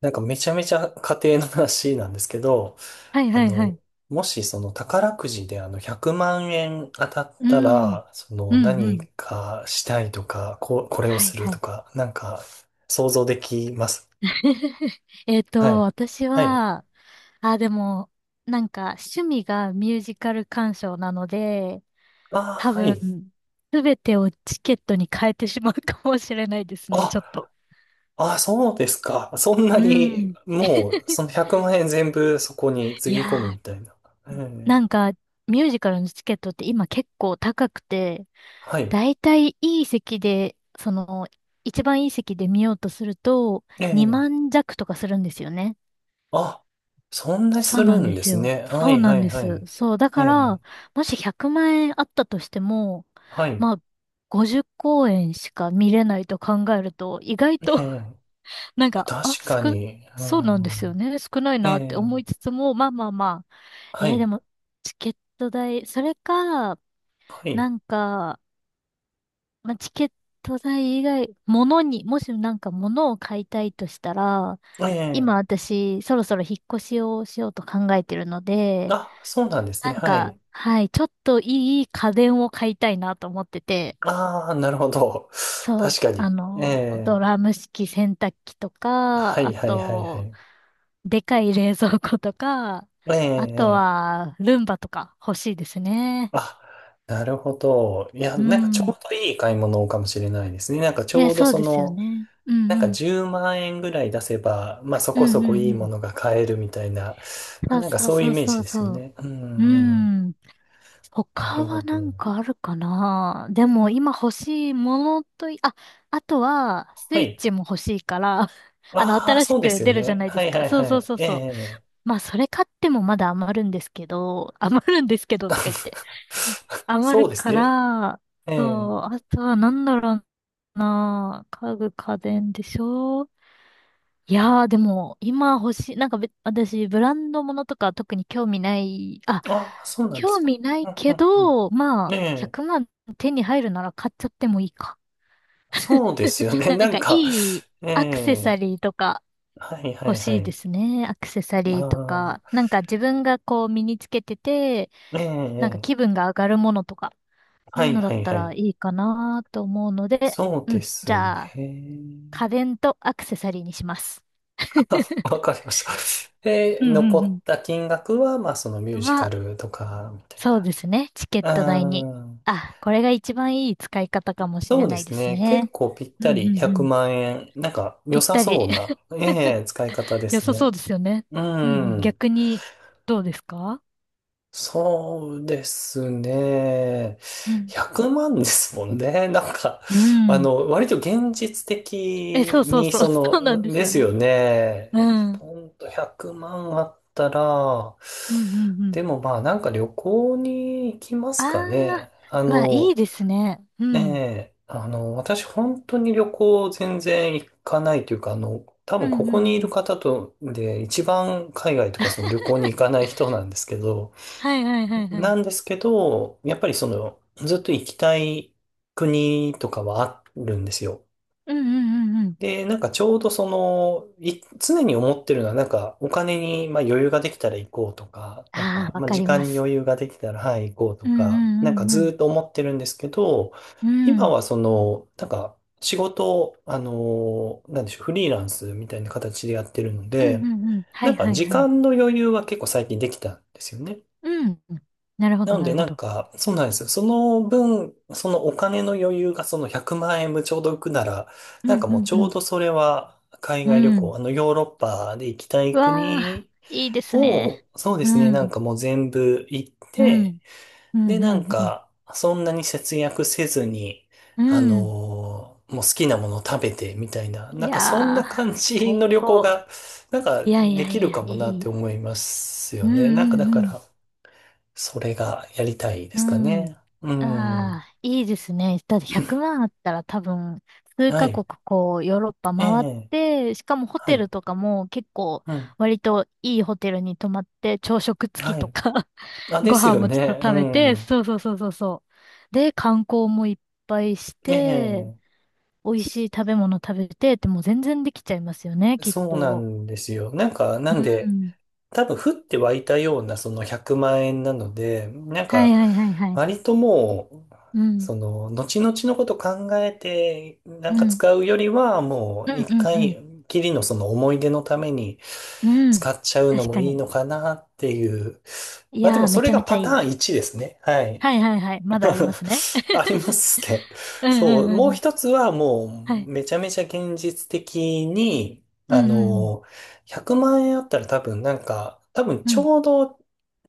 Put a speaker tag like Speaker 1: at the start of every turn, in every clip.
Speaker 1: なんかめちゃめちゃ家庭の話なんですけど、
Speaker 2: はい
Speaker 1: あ
Speaker 2: はいは
Speaker 1: の、
Speaker 2: い。
Speaker 1: もしその宝くじであの100万円当たっ
Speaker 2: う
Speaker 1: た
Speaker 2: ん。
Speaker 1: ら、そ
Speaker 2: う
Speaker 1: の
Speaker 2: んう
Speaker 1: 何
Speaker 2: ん。
Speaker 1: かしたいとか、これを
Speaker 2: はい
Speaker 1: する
Speaker 2: は
Speaker 1: と
Speaker 2: い。
Speaker 1: か、なんか想像できます。はい。
Speaker 2: 私
Speaker 1: はい。
Speaker 2: は、あ、でも、なんか趣味がミュージカル鑑賞なので、
Speaker 1: あ
Speaker 2: 多
Speaker 1: あ、は
Speaker 2: 分、
Speaker 1: い。
Speaker 2: すべてをチケットに変えてしまうかもしれないですね、
Speaker 1: あ、
Speaker 2: ちょっと。
Speaker 1: あ、そうですか。そんな
Speaker 2: う
Speaker 1: に、
Speaker 2: ん。
Speaker 1: もうその100万円全部そこにつ
Speaker 2: い
Speaker 1: ぎ
Speaker 2: や
Speaker 1: 込むみ
Speaker 2: ー、
Speaker 1: たいな。え
Speaker 2: なん
Speaker 1: え、
Speaker 2: か、ミュージカルのチケットって今結構高くて、
Speaker 1: はい。
Speaker 2: だいたいいい席で、その、一番いい席で見ようとすると、
Speaker 1: え
Speaker 2: 2
Speaker 1: え、
Speaker 2: 万弱とかするんですよね。
Speaker 1: あ、そんなす
Speaker 2: そうな
Speaker 1: る
Speaker 2: ん
Speaker 1: ん
Speaker 2: で
Speaker 1: で
Speaker 2: す
Speaker 1: す
Speaker 2: よ。
Speaker 1: ね。は
Speaker 2: そう
Speaker 1: い、
Speaker 2: な
Speaker 1: は
Speaker 2: ん
Speaker 1: い、
Speaker 2: で
Speaker 1: は
Speaker 2: す。
Speaker 1: い。
Speaker 2: そう。だ
Speaker 1: え
Speaker 2: か
Speaker 1: え、
Speaker 2: ら、もし100万円あったとしても、
Speaker 1: はい。
Speaker 2: まあ、50公演しか見れないと考えると、意外
Speaker 1: え
Speaker 2: と
Speaker 1: え、
Speaker 2: なんか、
Speaker 1: 確かに。う
Speaker 2: そうなんですよ
Speaker 1: ん、
Speaker 2: ね。少ない
Speaker 1: え
Speaker 2: なって
Speaker 1: え、
Speaker 2: 思いつつも、まあまあまあ。
Speaker 1: は
Speaker 2: で
Speaker 1: い。
Speaker 2: も、チケット代、それか、
Speaker 1: は
Speaker 2: な
Speaker 1: い。
Speaker 2: んか、まあ、チケット代以外、物に、もしなんか物を買いたいとしたら、
Speaker 1: え
Speaker 2: 今
Speaker 1: え、
Speaker 2: 私、そろそろ引っ越しをしようと考えてるので、
Speaker 1: あ、そうなんです
Speaker 2: な
Speaker 1: ね。
Speaker 2: ん
Speaker 1: はい。
Speaker 2: か、はい、ちょっといい家電を買いたいなと思ってて、
Speaker 1: ああ、なるほど。
Speaker 2: そう、
Speaker 1: 確か
Speaker 2: あ
Speaker 1: に。え
Speaker 2: の、ド
Speaker 1: え、
Speaker 2: ラム式洗濯機と
Speaker 1: は
Speaker 2: か、
Speaker 1: い
Speaker 2: あ
Speaker 1: はいはいは
Speaker 2: と、
Speaker 1: い。
Speaker 2: でかい冷蔵庫とか、
Speaker 1: え
Speaker 2: あと
Speaker 1: え、ええ、
Speaker 2: は、ルンバとか欲しいですね。
Speaker 1: あ、なるほど。いや、
Speaker 2: う
Speaker 1: なんかちょ
Speaker 2: ん。
Speaker 1: うどいい買い物かもしれないですね。なんかち
Speaker 2: え、
Speaker 1: ょうど
Speaker 2: そう
Speaker 1: そ
Speaker 2: ですよ
Speaker 1: の、
Speaker 2: ね。うん
Speaker 1: なんか
Speaker 2: うん。
Speaker 1: 10万円ぐらい出せば、まあそ
Speaker 2: う
Speaker 1: こ
Speaker 2: んう
Speaker 1: そ
Speaker 2: ん
Speaker 1: こいい
Speaker 2: う
Speaker 1: も
Speaker 2: ん。
Speaker 1: のが買えるみたいな、まあ、
Speaker 2: そう
Speaker 1: なんか
Speaker 2: そう
Speaker 1: そういうイ
Speaker 2: そう
Speaker 1: メージ
Speaker 2: そう
Speaker 1: ですよ
Speaker 2: そ
Speaker 1: ね。う
Speaker 2: う。う
Speaker 1: ん、うん、
Speaker 2: ん。
Speaker 1: な
Speaker 2: 他
Speaker 1: るほ
Speaker 2: はな
Speaker 1: ど。
Speaker 2: んかあるかなでも今欲しいものとい、あ、あとはス
Speaker 1: は
Speaker 2: イッ
Speaker 1: い。
Speaker 2: チも欲しいから、あの
Speaker 1: ああ、
Speaker 2: 新し
Speaker 1: そうで
Speaker 2: く
Speaker 1: すよ
Speaker 2: 出るじゃ
Speaker 1: ね。
Speaker 2: ないで
Speaker 1: は
Speaker 2: す
Speaker 1: い
Speaker 2: か。
Speaker 1: はい
Speaker 2: そう
Speaker 1: は
Speaker 2: そう
Speaker 1: い。
Speaker 2: そう
Speaker 1: え
Speaker 2: そう。
Speaker 1: え。
Speaker 2: まあそれ買ってもまだ余るんですけど、余るんですけどとか言って。余
Speaker 1: そう
Speaker 2: る
Speaker 1: です
Speaker 2: か
Speaker 1: ね。
Speaker 2: ら、
Speaker 1: ええ。
Speaker 2: そう、あとはなんだろうな。家具家電でしょ。いやー、でも、今欲しい、なんかべ、私、ブランドものとか特に興味ない、あ、
Speaker 1: ああ、そうなんで
Speaker 2: 興
Speaker 1: すか。
Speaker 2: 味な
Speaker 1: う
Speaker 2: い
Speaker 1: んう
Speaker 2: け
Speaker 1: んう
Speaker 2: ど、ま
Speaker 1: ん。え
Speaker 2: あ、
Speaker 1: え。
Speaker 2: 100万手に入るなら買っちゃってもいいか。
Speaker 1: そうですよね。
Speaker 2: な
Speaker 1: な
Speaker 2: ん
Speaker 1: ん
Speaker 2: か、
Speaker 1: か、
Speaker 2: いい
Speaker 1: え
Speaker 2: アクセサ
Speaker 1: え。
Speaker 2: リーとか
Speaker 1: はいは
Speaker 2: 欲
Speaker 1: いは
Speaker 2: しいで
Speaker 1: い。
Speaker 2: すね。アクセサリーと
Speaker 1: あ
Speaker 2: か、なんか自分がこう身につけてて、
Speaker 1: あ、ええ。
Speaker 2: なんか
Speaker 1: え
Speaker 2: 気
Speaker 1: え、
Speaker 2: 分が上がるものとか、そ
Speaker 1: は
Speaker 2: ういう
Speaker 1: い
Speaker 2: のだ
Speaker 1: は
Speaker 2: っ
Speaker 1: い
Speaker 2: た
Speaker 1: は
Speaker 2: ら
Speaker 1: い。
Speaker 2: いいかなと思うので、
Speaker 1: そう
Speaker 2: う
Speaker 1: で
Speaker 2: ん、じ
Speaker 1: す
Speaker 2: ゃあ、
Speaker 1: ね。
Speaker 2: 家 電とアクセサリーにします。
Speaker 1: あ、わかりました。で、
Speaker 2: うんう
Speaker 1: 残
Speaker 2: んう
Speaker 1: った金額は、まあ、そのミュー
Speaker 2: ん。
Speaker 1: ジカ
Speaker 2: は、
Speaker 1: ルとか、みたい
Speaker 2: そうですね。チケット
Speaker 1: な。
Speaker 2: 代に。
Speaker 1: うん。
Speaker 2: あ、これが一番いい使い方かもし
Speaker 1: そ
Speaker 2: れ
Speaker 1: うで
Speaker 2: ない
Speaker 1: す
Speaker 2: です
Speaker 1: ね。結
Speaker 2: ね。
Speaker 1: 構ぴっ
Speaker 2: う
Speaker 1: た
Speaker 2: んうん
Speaker 1: り
Speaker 2: う
Speaker 1: 100
Speaker 2: ん。
Speaker 1: 万円。なんか良
Speaker 2: ぴっ
Speaker 1: さ
Speaker 2: た
Speaker 1: そ
Speaker 2: り。
Speaker 1: うな、ええ、使い方で
Speaker 2: 良
Speaker 1: す
Speaker 2: さそ
Speaker 1: ね。
Speaker 2: うですよね。
Speaker 1: う
Speaker 2: うんうん。
Speaker 1: ん。
Speaker 2: 逆に、どうですか？
Speaker 1: そうですね。
Speaker 2: うん。
Speaker 1: 100万ですもんね。なんか、
Speaker 2: う
Speaker 1: あ
Speaker 2: ん。
Speaker 1: の、割と現実
Speaker 2: え、そ
Speaker 1: 的
Speaker 2: うそう
Speaker 1: に、
Speaker 2: そう。
Speaker 1: そ
Speaker 2: そうな
Speaker 1: の、
Speaker 2: んです
Speaker 1: で
Speaker 2: よ
Speaker 1: す
Speaker 2: ね。
Speaker 1: よ
Speaker 2: う
Speaker 1: ね。
Speaker 2: ん。うん
Speaker 1: ポンと100万あったら、
Speaker 2: うんうん。
Speaker 1: でもまあなんか旅行に行きま
Speaker 2: あ
Speaker 1: すかね。
Speaker 2: あ、
Speaker 1: あ
Speaker 2: うわ、いい
Speaker 1: の、
Speaker 2: ですね。う
Speaker 1: え
Speaker 2: ん。
Speaker 1: え、あの、私本当に旅行全然行かないというか、あの、多分
Speaker 2: うん
Speaker 1: こ
Speaker 2: う
Speaker 1: こ
Speaker 2: ん
Speaker 1: に
Speaker 2: う
Speaker 1: いる
Speaker 2: ん。
Speaker 1: 方とで一番海外とかその旅行に行かない人なんですけど、
Speaker 2: はいはいはいはい。
Speaker 1: なんですけど、やっぱりそのずっと行きたい国とかはあるんですよ。
Speaker 2: うんうんうんうん。
Speaker 1: で、なんかちょうどその、常に思ってるのは、なんかお金にまあ余裕ができたら行こうとか、なん
Speaker 2: ああ、
Speaker 1: か
Speaker 2: わ
Speaker 1: まあ
Speaker 2: か
Speaker 1: 時
Speaker 2: りま
Speaker 1: 間に
Speaker 2: す。
Speaker 1: 余裕ができたら、はい、行こうと
Speaker 2: うんう
Speaker 1: か、なんか
Speaker 2: ん
Speaker 1: ず
Speaker 2: う
Speaker 1: ー
Speaker 2: ん
Speaker 1: っと思ってるんですけど、
Speaker 2: うん。
Speaker 1: 今
Speaker 2: うん。
Speaker 1: はその、なんか仕事を、あのなんでしょう、フリーランスみたいな形でやってるの
Speaker 2: うん
Speaker 1: で、
Speaker 2: うんうん。は
Speaker 1: な
Speaker 2: い
Speaker 1: んか
Speaker 2: はい
Speaker 1: 時
Speaker 2: はい。
Speaker 1: 間の余裕は結構最近できたんですよね。
Speaker 2: うん。なるほ
Speaker 1: な
Speaker 2: ど
Speaker 1: の
Speaker 2: な
Speaker 1: で、
Speaker 2: るほ
Speaker 1: なん
Speaker 2: ど。
Speaker 1: か、そうなんですよ。その分、そのお金の余裕がその100万円分ちょうど浮くなら、
Speaker 2: う
Speaker 1: なん
Speaker 2: ん
Speaker 1: か
Speaker 2: う
Speaker 1: もう
Speaker 2: ん
Speaker 1: ち
Speaker 2: う
Speaker 1: ょう
Speaker 2: ん。
Speaker 1: どそれは海
Speaker 2: う
Speaker 1: 外旅行、
Speaker 2: ん。
Speaker 1: あのヨーロッパで行きた
Speaker 2: う
Speaker 1: い
Speaker 2: わあ、
Speaker 1: 国
Speaker 2: いいですね。
Speaker 1: を、そうで
Speaker 2: う
Speaker 1: すね、なん
Speaker 2: ん。
Speaker 1: かもう全部行っ
Speaker 2: う
Speaker 1: て、
Speaker 2: ん。うん
Speaker 1: で、
Speaker 2: う
Speaker 1: なん
Speaker 2: んうん。
Speaker 1: か、そんなに節約せずに、
Speaker 2: う
Speaker 1: あ
Speaker 2: ん。
Speaker 1: のーもう好きなものを食べてみたいな、
Speaker 2: い
Speaker 1: なんかそん
Speaker 2: や
Speaker 1: な
Speaker 2: ー、
Speaker 1: 感じ
Speaker 2: 最
Speaker 1: の旅行
Speaker 2: 高。
Speaker 1: が、なんか
Speaker 2: いやい
Speaker 1: で
Speaker 2: や
Speaker 1: き
Speaker 2: い
Speaker 1: る
Speaker 2: や、
Speaker 1: かも
Speaker 2: い
Speaker 1: なって
Speaker 2: い。
Speaker 1: 思います
Speaker 2: う
Speaker 1: よ
Speaker 2: ん
Speaker 1: ね。なんかだ
Speaker 2: う
Speaker 1: か
Speaker 2: んうん。
Speaker 1: ら、それがやりたいで
Speaker 2: う
Speaker 1: すか
Speaker 2: ん。
Speaker 1: ね。うん。
Speaker 2: ああ、いいですね。だって100万あったら多分、数
Speaker 1: は
Speaker 2: カ
Speaker 1: い。
Speaker 2: 国こう、ヨーロッパ
Speaker 1: え
Speaker 2: 回っ
Speaker 1: え。
Speaker 2: て、しかもホ
Speaker 1: は
Speaker 2: テル
Speaker 1: い。
Speaker 2: とかも結構、
Speaker 1: うん。
Speaker 2: 割といいホテルに泊まって、朝食付き
Speaker 1: は
Speaker 2: と
Speaker 1: い。
Speaker 2: か
Speaker 1: あ、で
Speaker 2: ご
Speaker 1: す
Speaker 2: 飯
Speaker 1: よ
Speaker 2: もちょっ
Speaker 1: ね。
Speaker 2: と
Speaker 1: う
Speaker 2: 食べて、
Speaker 1: ん。
Speaker 2: そうそうそうそうそう。で、観光もいっぱいし
Speaker 1: え
Speaker 2: て、
Speaker 1: え。
Speaker 2: 美味しい食べ物食べてって、もう全然できちゃいますよね、きっ
Speaker 1: そうな
Speaker 2: と。
Speaker 1: んですよ。なんか、な
Speaker 2: う
Speaker 1: んで、
Speaker 2: ん。
Speaker 1: 多分降って湧いたようなその100万円なので、なん
Speaker 2: はい
Speaker 1: か
Speaker 2: はいはいはい。
Speaker 1: 割ともう、
Speaker 2: うん。
Speaker 1: その後々のこと考えてな
Speaker 2: う
Speaker 1: んか
Speaker 2: ん。
Speaker 1: 使うよりはも
Speaker 2: う
Speaker 1: う
Speaker 2: ん
Speaker 1: 一
Speaker 2: うんうん。
Speaker 1: 回きりのその思い出のために
Speaker 2: うん。
Speaker 1: 使っちゃうの
Speaker 2: 確
Speaker 1: も
Speaker 2: か
Speaker 1: いい
Speaker 2: に。
Speaker 1: のかなっていう。
Speaker 2: い
Speaker 1: まあで
Speaker 2: や
Speaker 1: も
Speaker 2: ー、
Speaker 1: そ
Speaker 2: めち
Speaker 1: れ
Speaker 2: ゃ
Speaker 1: が
Speaker 2: めちゃ
Speaker 1: パ
Speaker 2: い
Speaker 1: タ
Speaker 2: い。
Speaker 1: ーン1ですね。はい。
Speaker 2: はいはいはい。まだあり ますね。
Speaker 1: ありま すね。
Speaker 2: うんう
Speaker 1: そ
Speaker 2: ん
Speaker 1: う。
Speaker 2: うん
Speaker 1: もう
Speaker 2: うん。
Speaker 1: 一つはも
Speaker 2: は
Speaker 1: う
Speaker 2: い。
Speaker 1: めちゃめちゃ現実的に、
Speaker 2: うん
Speaker 1: あ
Speaker 2: うん
Speaker 1: の、100万円あったら多分なんか、多分
Speaker 2: うん。う
Speaker 1: ち
Speaker 2: ん。
Speaker 1: ょうど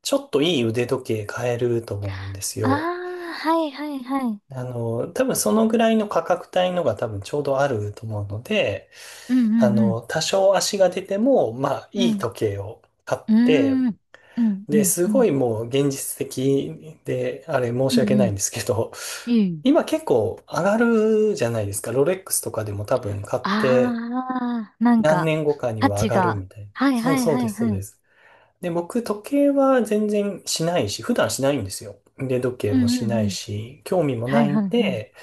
Speaker 1: ちょっといい腕時計買えると思うんです
Speaker 2: あ
Speaker 1: よ。
Speaker 2: あ、はいはいはい。
Speaker 1: あの、多分そのぐらいの価格帯のが多分ちょうどあると思うので、
Speaker 2: う
Speaker 1: あ
Speaker 2: んうん
Speaker 1: の、多少足が出ても、まあ
Speaker 2: う
Speaker 1: いい
Speaker 2: ん。
Speaker 1: 時計を買っ
Speaker 2: う
Speaker 1: て、
Speaker 2: ん。うーん。うんう
Speaker 1: で、
Speaker 2: ん
Speaker 1: す
Speaker 2: う
Speaker 1: ご
Speaker 2: ん。
Speaker 1: いもう現実的で、あれ申
Speaker 2: う
Speaker 1: し
Speaker 2: ん
Speaker 1: 訳な
Speaker 2: う
Speaker 1: い
Speaker 2: ん。
Speaker 1: んですけど、
Speaker 2: い い。
Speaker 1: 今結構上がるじゃないですか。ロレックスとかでも多分買って
Speaker 2: ああ、なん
Speaker 1: 何
Speaker 2: か、
Speaker 1: 年後かに
Speaker 2: 価
Speaker 1: は上
Speaker 2: 値
Speaker 1: がる
Speaker 2: が。
Speaker 1: みたいな。
Speaker 2: はい
Speaker 1: そう
Speaker 2: はい
Speaker 1: そう
Speaker 2: は
Speaker 1: で
Speaker 2: い
Speaker 1: す、そう
Speaker 2: は
Speaker 1: で
Speaker 2: い。
Speaker 1: す。で、僕時計は全然しないし、普段しないんですよ。腕時計
Speaker 2: う
Speaker 1: も
Speaker 2: ん
Speaker 1: し
Speaker 2: うん
Speaker 1: な
Speaker 2: う
Speaker 1: い
Speaker 2: ん。
Speaker 1: し、興味も
Speaker 2: は
Speaker 1: な
Speaker 2: い
Speaker 1: いん
Speaker 2: はいはい。
Speaker 1: で、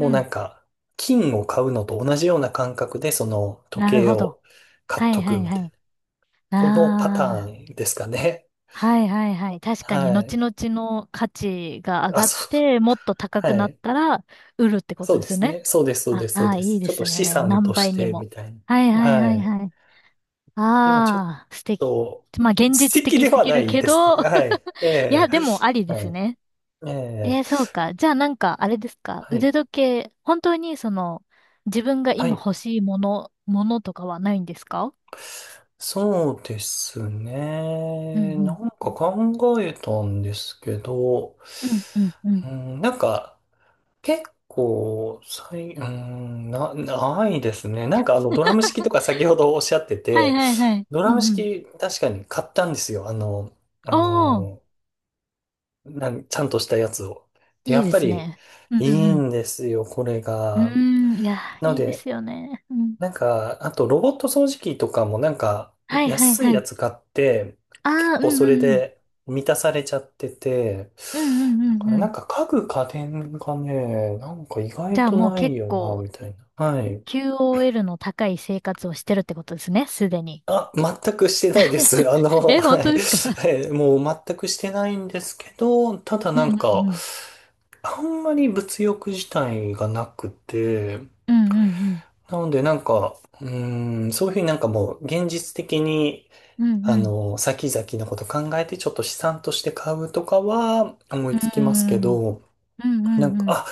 Speaker 2: う
Speaker 1: うな
Speaker 2: ん。
Speaker 1: んか金を買うのと同じような感覚でその時
Speaker 2: なる
Speaker 1: 計
Speaker 2: ほど。
Speaker 1: を買っ
Speaker 2: は
Speaker 1: と
Speaker 2: いは
Speaker 1: く
Speaker 2: い
Speaker 1: みた
Speaker 2: は
Speaker 1: いな。
Speaker 2: い。
Speaker 1: このパタ
Speaker 2: ああ。
Speaker 1: ーンですかね。
Speaker 2: はいはいはい。確かに、
Speaker 1: は
Speaker 2: 後
Speaker 1: い。
Speaker 2: 々の価値が上
Speaker 1: あ、
Speaker 2: がっ
Speaker 1: そう。
Speaker 2: て、もっと高く
Speaker 1: は
Speaker 2: なっ
Speaker 1: い。
Speaker 2: たら、売るってこ
Speaker 1: そ
Speaker 2: と
Speaker 1: う
Speaker 2: で
Speaker 1: で
Speaker 2: すよ
Speaker 1: す
Speaker 2: ね。
Speaker 1: ね。そうです、そうで
Speaker 2: あ
Speaker 1: す、そう
Speaker 2: あー、
Speaker 1: で
Speaker 2: いい
Speaker 1: す。
Speaker 2: で
Speaker 1: ちょっと
Speaker 2: す
Speaker 1: 資
Speaker 2: ね。
Speaker 1: 産
Speaker 2: 何
Speaker 1: とし
Speaker 2: 倍に
Speaker 1: て
Speaker 2: も。
Speaker 1: みたい
Speaker 2: はい
Speaker 1: な。
Speaker 2: はい
Speaker 1: は
Speaker 2: はい
Speaker 1: い。
Speaker 2: はい。
Speaker 1: でもちょっ
Speaker 2: ああ、素敵。
Speaker 1: と、
Speaker 2: まあ、現
Speaker 1: 素
Speaker 2: 実
Speaker 1: 敵
Speaker 2: 的
Speaker 1: で
Speaker 2: す
Speaker 1: は
Speaker 2: ぎ
Speaker 1: な
Speaker 2: る
Speaker 1: い
Speaker 2: け
Speaker 1: です
Speaker 2: ど、
Speaker 1: ね。はい。え
Speaker 2: いや、
Speaker 1: え、
Speaker 2: でもありで
Speaker 1: は
Speaker 2: す
Speaker 1: い。
Speaker 2: ね。
Speaker 1: ええ、
Speaker 2: そうか。じゃあなんか、あれですか。
Speaker 1: はい。
Speaker 2: 腕時計、本当にその、自分が
Speaker 1: は
Speaker 2: 今
Speaker 1: い。
Speaker 2: 欲しいもの、ものとかはないんですか？
Speaker 1: そうです
Speaker 2: うんう
Speaker 1: ね。な
Speaker 2: ん。
Speaker 1: んか考えたんですけど、
Speaker 2: うんうんうん。
Speaker 1: うん、なんか、結構、最、うーん、ないですね。なんかあの、ドラ ム式とか先ほどおっしゃって
Speaker 2: はい
Speaker 1: て、
Speaker 2: はいはい。
Speaker 1: ドラ
Speaker 2: う
Speaker 1: ム
Speaker 2: んうん。
Speaker 1: 式確かに買ったんですよ。あの、あ
Speaker 2: おー。
Speaker 1: の、ちゃんとしたやつを。で、
Speaker 2: い
Speaker 1: や
Speaker 2: い
Speaker 1: っ
Speaker 2: で
Speaker 1: ぱ
Speaker 2: す
Speaker 1: り
Speaker 2: ね。う
Speaker 1: い
Speaker 2: ん
Speaker 1: い
Speaker 2: うん
Speaker 1: んですよ、これ
Speaker 2: うん。
Speaker 1: が。
Speaker 2: うーん、いや、
Speaker 1: なの
Speaker 2: いいで
Speaker 1: で、
Speaker 2: すよね。うん。
Speaker 1: なんか、あとロボット掃除機とかもなんか
Speaker 2: はいはい
Speaker 1: 安い
Speaker 2: は
Speaker 1: や
Speaker 2: い。
Speaker 1: つ買って、
Speaker 2: あ
Speaker 1: 結
Speaker 2: あ、う
Speaker 1: 構
Speaker 2: ん
Speaker 1: そ
Speaker 2: う
Speaker 1: れ
Speaker 2: んうん。
Speaker 1: で満たされちゃってて、
Speaker 2: うんうん
Speaker 1: だ
Speaker 2: うん
Speaker 1: から
Speaker 2: う
Speaker 1: なん
Speaker 2: ん。
Speaker 1: か家具家電がね、なんか意
Speaker 2: じ
Speaker 1: 外
Speaker 2: ゃあ
Speaker 1: と
Speaker 2: もう
Speaker 1: ない
Speaker 2: 結
Speaker 1: よな、
Speaker 2: 構、
Speaker 1: みたいな。はい。
Speaker 2: QOL の高い生活をしてるってことですね、すでに。
Speaker 1: あ、全くしてないです。あの、
Speaker 2: え、
Speaker 1: は
Speaker 2: 本
Speaker 1: い。
Speaker 2: 当ですか？
Speaker 1: もう全くしてないんですけど、ただ
Speaker 2: う
Speaker 1: なん
Speaker 2: んうん
Speaker 1: か、
Speaker 2: うん。
Speaker 1: あんまり物欲自体がなくて、
Speaker 2: うんうんうん。
Speaker 1: なのでなんか、うーん、そういうふうになんかもう現実的に
Speaker 2: うんう
Speaker 1: あ
Speaker 2: ん。
Speaker 1: の、先々のこと考えてちょっと資産として買うとかは思
Speaker 2: う
Speaker 1: いつきますけ
Speaker 2: ん
Speaker 1: ど、
Speaker 2: うん
Speaker 1: な
Speaker 2: う
Speaker 1: ん
Speaker 2: ん
Speaker 1: か、
Speaker 2: うん。
Speaker 1: あ、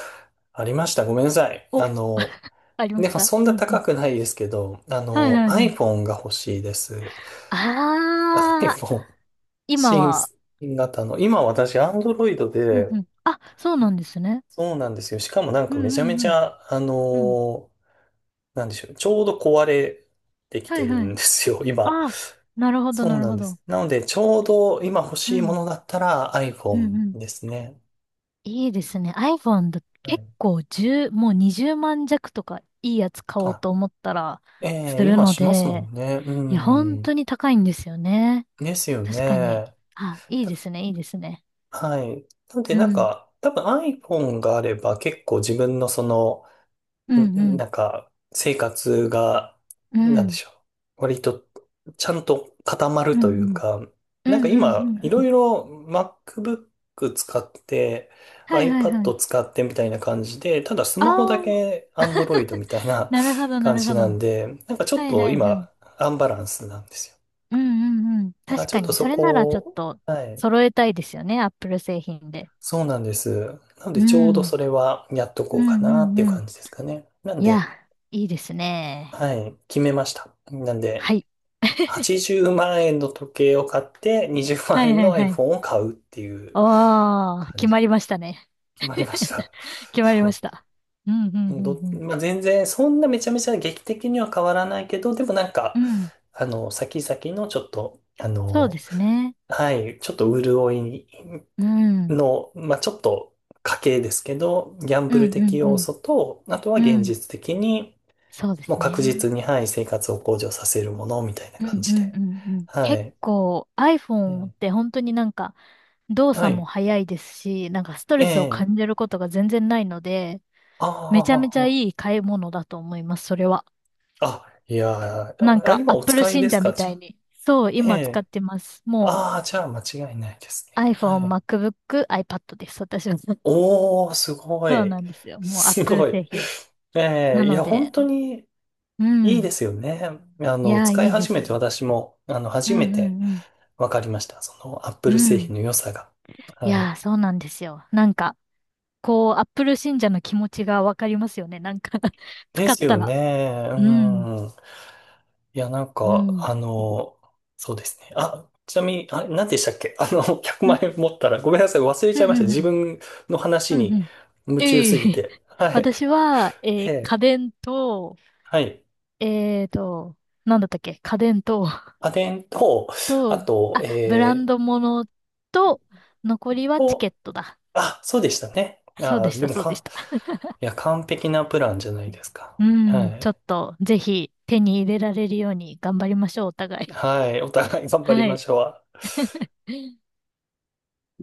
Speaker 1: ありました。ごめんなさい。あ
Speaker 2: お、
Speaker 1: の、
Speaker 2: ありま
Speaker 1: で
Speaker 2: し
Speaker 1: も
Speaker 2: た
Speaker 1: そん
Speaker 2: う
Speaker 1: な
Speaker 2: んう
Speaker 1: 高
Speaker 2: ん。
Speaker 1: くないですけど、あ
Speaker 2: はい
Speaker 1: の、
Speaker 2: はいはい。
Speaker 1: iPhone が欲しいです。
Speaker 2: ああ、
Speaker 1: iPhone
Speaker 2: 今
Speaker 1: 新
Speaker 2: は。
Speaker 1: 型の。今私、Android
Speaker 2: うんう
Speaker 1: で、
Speaker 2: ん。あ、そうなんですね。
Speaker 1: そうなんですよ。しかもなん
Speaker 2: うん
Speaker 1: かめちゃめ
Speaker 2: うん
Speaker 1: ち
Speaker 2: うん。
Speaker 1: ゃ、あ
Speaker 2: うん。
Speaker 1: のなんでしょう。ちょうど壊れてき
Speaker 2: は
Speaker 1: て
Speaker 2: い
Speaker 1: る
Speaker 2: は
Speaker 1: ん
Speaker 2: い。
Speaker 1: ですよ、今。
Speaker 2: ああ、なるほど、
Speaker 1: そ
Speaker 2: な
Speaker 1: う
Speaker 2: る
Speaker 1: なん
Speaker 2: ほ
Speaker 1: で
Speaker 2: ど。
Speaker 1: す。なので、ちょうど今欲
Speaker 2: う
Speaker 1: しいも
Speaker 2: ん、
Speaker 1: のだったら
Speaker 2: うん、
Speaker 1: iPhone
Speaker 2: うん。
Speaker 1: ですね。
Speaker 2: いいですね。iPhone だ、
Speaker 1: は
Speaker 2: 結
Speaker 1: い。
Speaker 2: 構1もう20万弱とかいいやつ買おう
Speaker 1: あ、
Speaker 2: と思ったら
Speaker 1: え
Speaker 2: す
Speaker 1: え、
Speaker 2: る
Speaker 1: 今
Speaker 2: の
Speaker 1: しますも
Speaker 2: で、
Speaker 1: んね。う
Speaker 2: いや、本
Speaker 1: ん。
Speaker 2: 当に高いんですよね。
Speaker 1: ですよ
Speaker 2: 確かに。
Speaker 1: ね。
Speaker 2: あ、いいで
Speaker 1: だ
Speaker 2: すね、いいですね。
Speaker 1: はい。なので、
Speaker 2: う
Speaker 1: なん
Speaker 2: ん、
Speaker 1: か、多分 iPhone があれば結構自分のその、
Speaker 2: うん、う
Speaker 1: ん
Speaker 2: ん、
Speaker 1: なんか、生活が、
Speaker 2: う
Speaker 1: なんで
Speaker 2: ん、
Speaker 1: しょう。割と、ちゃんと固まる
Speaker 2: う
Speaker 1: という
Speaker 2: ん、
Speaker 1: か、
Speaker 2: うん、う
Speaker 1: なんか
Speaker 2: ん、うん、
Speaker 1: 今、
Speaker 2: う
Speaker 1: い
Speaker 2: ん。う
Speaker 1: ろ
Speaker 2: ん、
Speaker 1: いろ MacBook 使って、
Speaker 2: はいはいは
Speaker 1: iPad
Speaker 2: い。
Speaker 1: 使ってみたいな感じで、ただス
Speaker 2: あ
Speaker 1: マホだ
Speaker 2: あ、
Speaker 1: け Android みたいな
Speaker 2: なるほ ど、な
Speaker 1: 感
Speaker 2: る
Speaker 1: じ
Speaker 2: ほど。
Speaker 1: なんで、なんかちょっ
Speaker 2: はい
Speaker 1: と
Speaker 2: はいはい。
Speaker 1: 今、アンバランスなんですよ。
Speaker 2: うん、うん、うん。
Speaker 1: だから
Speaker 2: 確
Speaker 1: ちょ
Speaker 2: か
Speaker 1: っと
Speaker 2: に、
Speaker 1: そ
Speaker 2: それなら
Speaker 1: こ
Speaker 2: ちょっ
Speaker 1: を、
Speaker 2: と
Speaker 1: はい。
Speaker 2: 揃えたいですよね、Apple 製品で。
Speaker 1: そうなんです。なの
Speaker 2: う
Speaker 1: で、ちょうど
Speaker 2: ん。
Speaker 1: それはやっと
Speaker 2: う
Speaker 1: こうか
Speaker 2: んう
Speaker 1: なっ
Speaker 2: ん
Speaker 1: ていう
Speaker 2: うん。
Speaker 1: 感じですかね。なん
Speaker 2: い
Speaker 1: で、
Speaker 2: や、いいですね。
Speaker 1: はい、決めました。なんで、
Speaker 2: はい。
Speaker 1: 80万円の時計を買って、20
Speaker 2: は
Speaker 1: 万
Speaker 2: い
Speaker 1: 円
Speaker 2: は
Speaker 1: の
Speaker 2: いはい。
Speaker 1: iPhone を買うっていう
Speaker 2: おー、
Speaker 1: 感
Speaker 2: 決
Speaker 1: じ
Speaker 2: ま
Speaker 1: で
Speaker 2: りましたね。
Speaker 1: 決まりました。
Speaker 2: 決まりま
Speaker 1: そ
Speaker 2: した。うんうん
Speaker 1: う。もう
Speaker 2: うん
Speaker 1: まあ、全然、そんなめちゃめちゃ劇的には変わらないけど、でもなん
Speaker 2: う
Speaker 1: か、
Speaker 2: ん。うん。
Speaker 1: あの、先々のちょっと、あ
Speaker 2: そうで
Speaker 1: の、
Speaker 2: すね。
Speaker 1: はい、ちょっと潤い
Speaker 2: うん。うん
Speaker 1: の、まあ、ちょっと家計ですけど、ギャン
Speaker 2: う
Speaker 1: ブ
Speaker 2: ん
Speaker 1: ル
Speaker 2: う
Speaker 1: 的要
Speaker 2: ん。
Speaker 1: 素と、あとは
Speaker 2: う
Speaker 1: 現
Speaker 2: ん。
Speaker 1: 実的に、
Speaker 2: そうで
Speaker 1: もう
Speaker 2: す
Speaker 1: 確
Speaker 2: ね。
Speaker 1: 実に、はい、生活を向上させるものみたいな
Speaker 2: うんう
Speaker 1: 感じ
Speaker 2: ん
Speaker 1: で。
Speaker 2: うんうん。
Speaker 1: は
Speaker 2: 結
Speaker 1: い。
Speaker 2: 構 iPhone っ
Speaker 1: ええ、
Speaker 2: て本当になんか動
Speaker 1: は
Speaker 2: 作も
Speaker 1: い。
Speaker 2: 早いですし、なんかスト
Speaker 1: え
Speaker 2: レスを
Speaker 1: え。
Speaker 2: 感じることが全然ないので、
Speaker 1: あ
Speaker 2: めちゃめちゃいい買い物だと思います、それは。
Speaker 1: あ、あ、いや
Speaker 2: なん
Speaker 1: ー、あ、
Speaker 2: か
Speaker 1: 今お
Speaker 2: Apple
Speaker 1: 使いで
Speaker 2: 信
Speaker 1: す
Speaker 2: 者
Speaker 1: か、
Speaker 2: み
Speaker 1: じ
Speaker 2: た
Speaker 1: ゃ
Speaker 2: い
Speaker 1: あ。
Speaker 2: に。そう、
Speaker 1: え
Speaker 2: 今使っ
Speaker 1: え。
Speaker 2: てます。も
Speaker 1: ああ、じゃあ間違いないです
Speaker 2: う
Speaker 1: ね。は
Speaker 2: iPhone、
Speaker 1: い。
Speaker 2: MacBook、iPad です。私は。そ
Speaker 1: おー、すご
Speaker 2: う
Speaker 1: い。
Speaker 2: なんですよ。もう
Speaker 1: す
Speaker 2: Apple
Speaker 1: ごい。
Speaker 2: 製品。
Speaker 1: え
Speaker 2: な
Speaker 1: え、い
Speaker 2: の
Speaker 1: や、本
Speaker 2: で、
Speaker 1: 当に
Speaker 2: う
Speaker 1: いいで
Speaker 2: ん。
Speaker 1: すよね。あ
Speaker 2: い
Speaker 1: の、
Speaker 2: やー、
Speaker 1: 使
Speaker 2: い
Speaker 1: い
Speaker 2: いで
Speaker 1: 始めて
Speaker 2: す。
Speaker 1: 私も、あの、
Speaker 2: う
Speaker 1: 初めて
Speaker 2: んうん
Speaker 1: 分かりました。その、アップ
Speaker 2: う
Speaker 1: ル
Speaker 2: ん。う
Speaker 1: 製
Speaker 2: ん。
Speaker 1: 品の良さが。
Speaker 2: い
Speaker 1: は
Speaker 2: やー、
Speaker 1: い。
Speaker 2: そうなんですよ。なんか、こう、Apple 信者の気持ちがわかりますよね。なんか
Speaker 1: で
Speaker 2: 使っ
Speaker 1: す
Speaker 2: た
Speaker 1: よね。
Speaker 2: ら。
Speaker 1: う
Speaker 2: うん。
Speaker 1: ん。いや、なん
Speaker 2: う
Speaker 1: か、
Speaker 2: ん。
Speaker 1: あの、そうですね。あ、ちなみに、あ、何でしたっけ あの、100
Speaker 2: うん。
Speaker 1: 万円持ったら、ごめんなさい、忘れ
Speaker 2: う
Speaker 1: ちゃい
Speaker 2: ん。
Speaker 1: ました。
Speaker 2: う
Speaker 1: 自
Speaker 2: ん。
Speaker 1: 分の話
Speaker 2: うん。う
Speaker 1: に
Speaker 2: ん。
Speaker 1: 夢中
Speaker 2: え
Speaker 1: すぎ
Speaker 2: え
Speaker 1: て。はい。
Speaker 2: 私は、え
Speaker 1: え
Speaker 2: ー家
Speaker 1: え、
Speaker 2: 電と、
Speaker 1: はい。
Speaker 2: えーと、なんだったっけ家電と、
Speaker 1: 家電と、あ
Speaker 2: と、
Speaker 1: と、
Speaker 2: あ、ブランド物と、残りはチケ
Speaker 1: と、
Speaker 2: ットだ。
Speaker 1: あ、そうでしたね。
Speaker 2: そうで
Speaker 1: あ、
Speaker 2: し
Speaker 1: で
Speaker 2: た、
Speaker 1: も
Speaker 2: そうでし
Speaker 1: か、
Speaker 2: た。
Speaker 1: いや、完璧なプランじゃないですか。
Speaker 2: う
Speaker 1: は
Speaker 2: ん、ちょ
Speaker 1: い。
Speaker 2: っと、ぜひ手に入れられるように頑張りましょう、お互い。
Speaker 1: はい。お互い頑張り
Speaker 2: は
Speaker 1: ま
Speaker 2: い。
Speaker 1: しょう。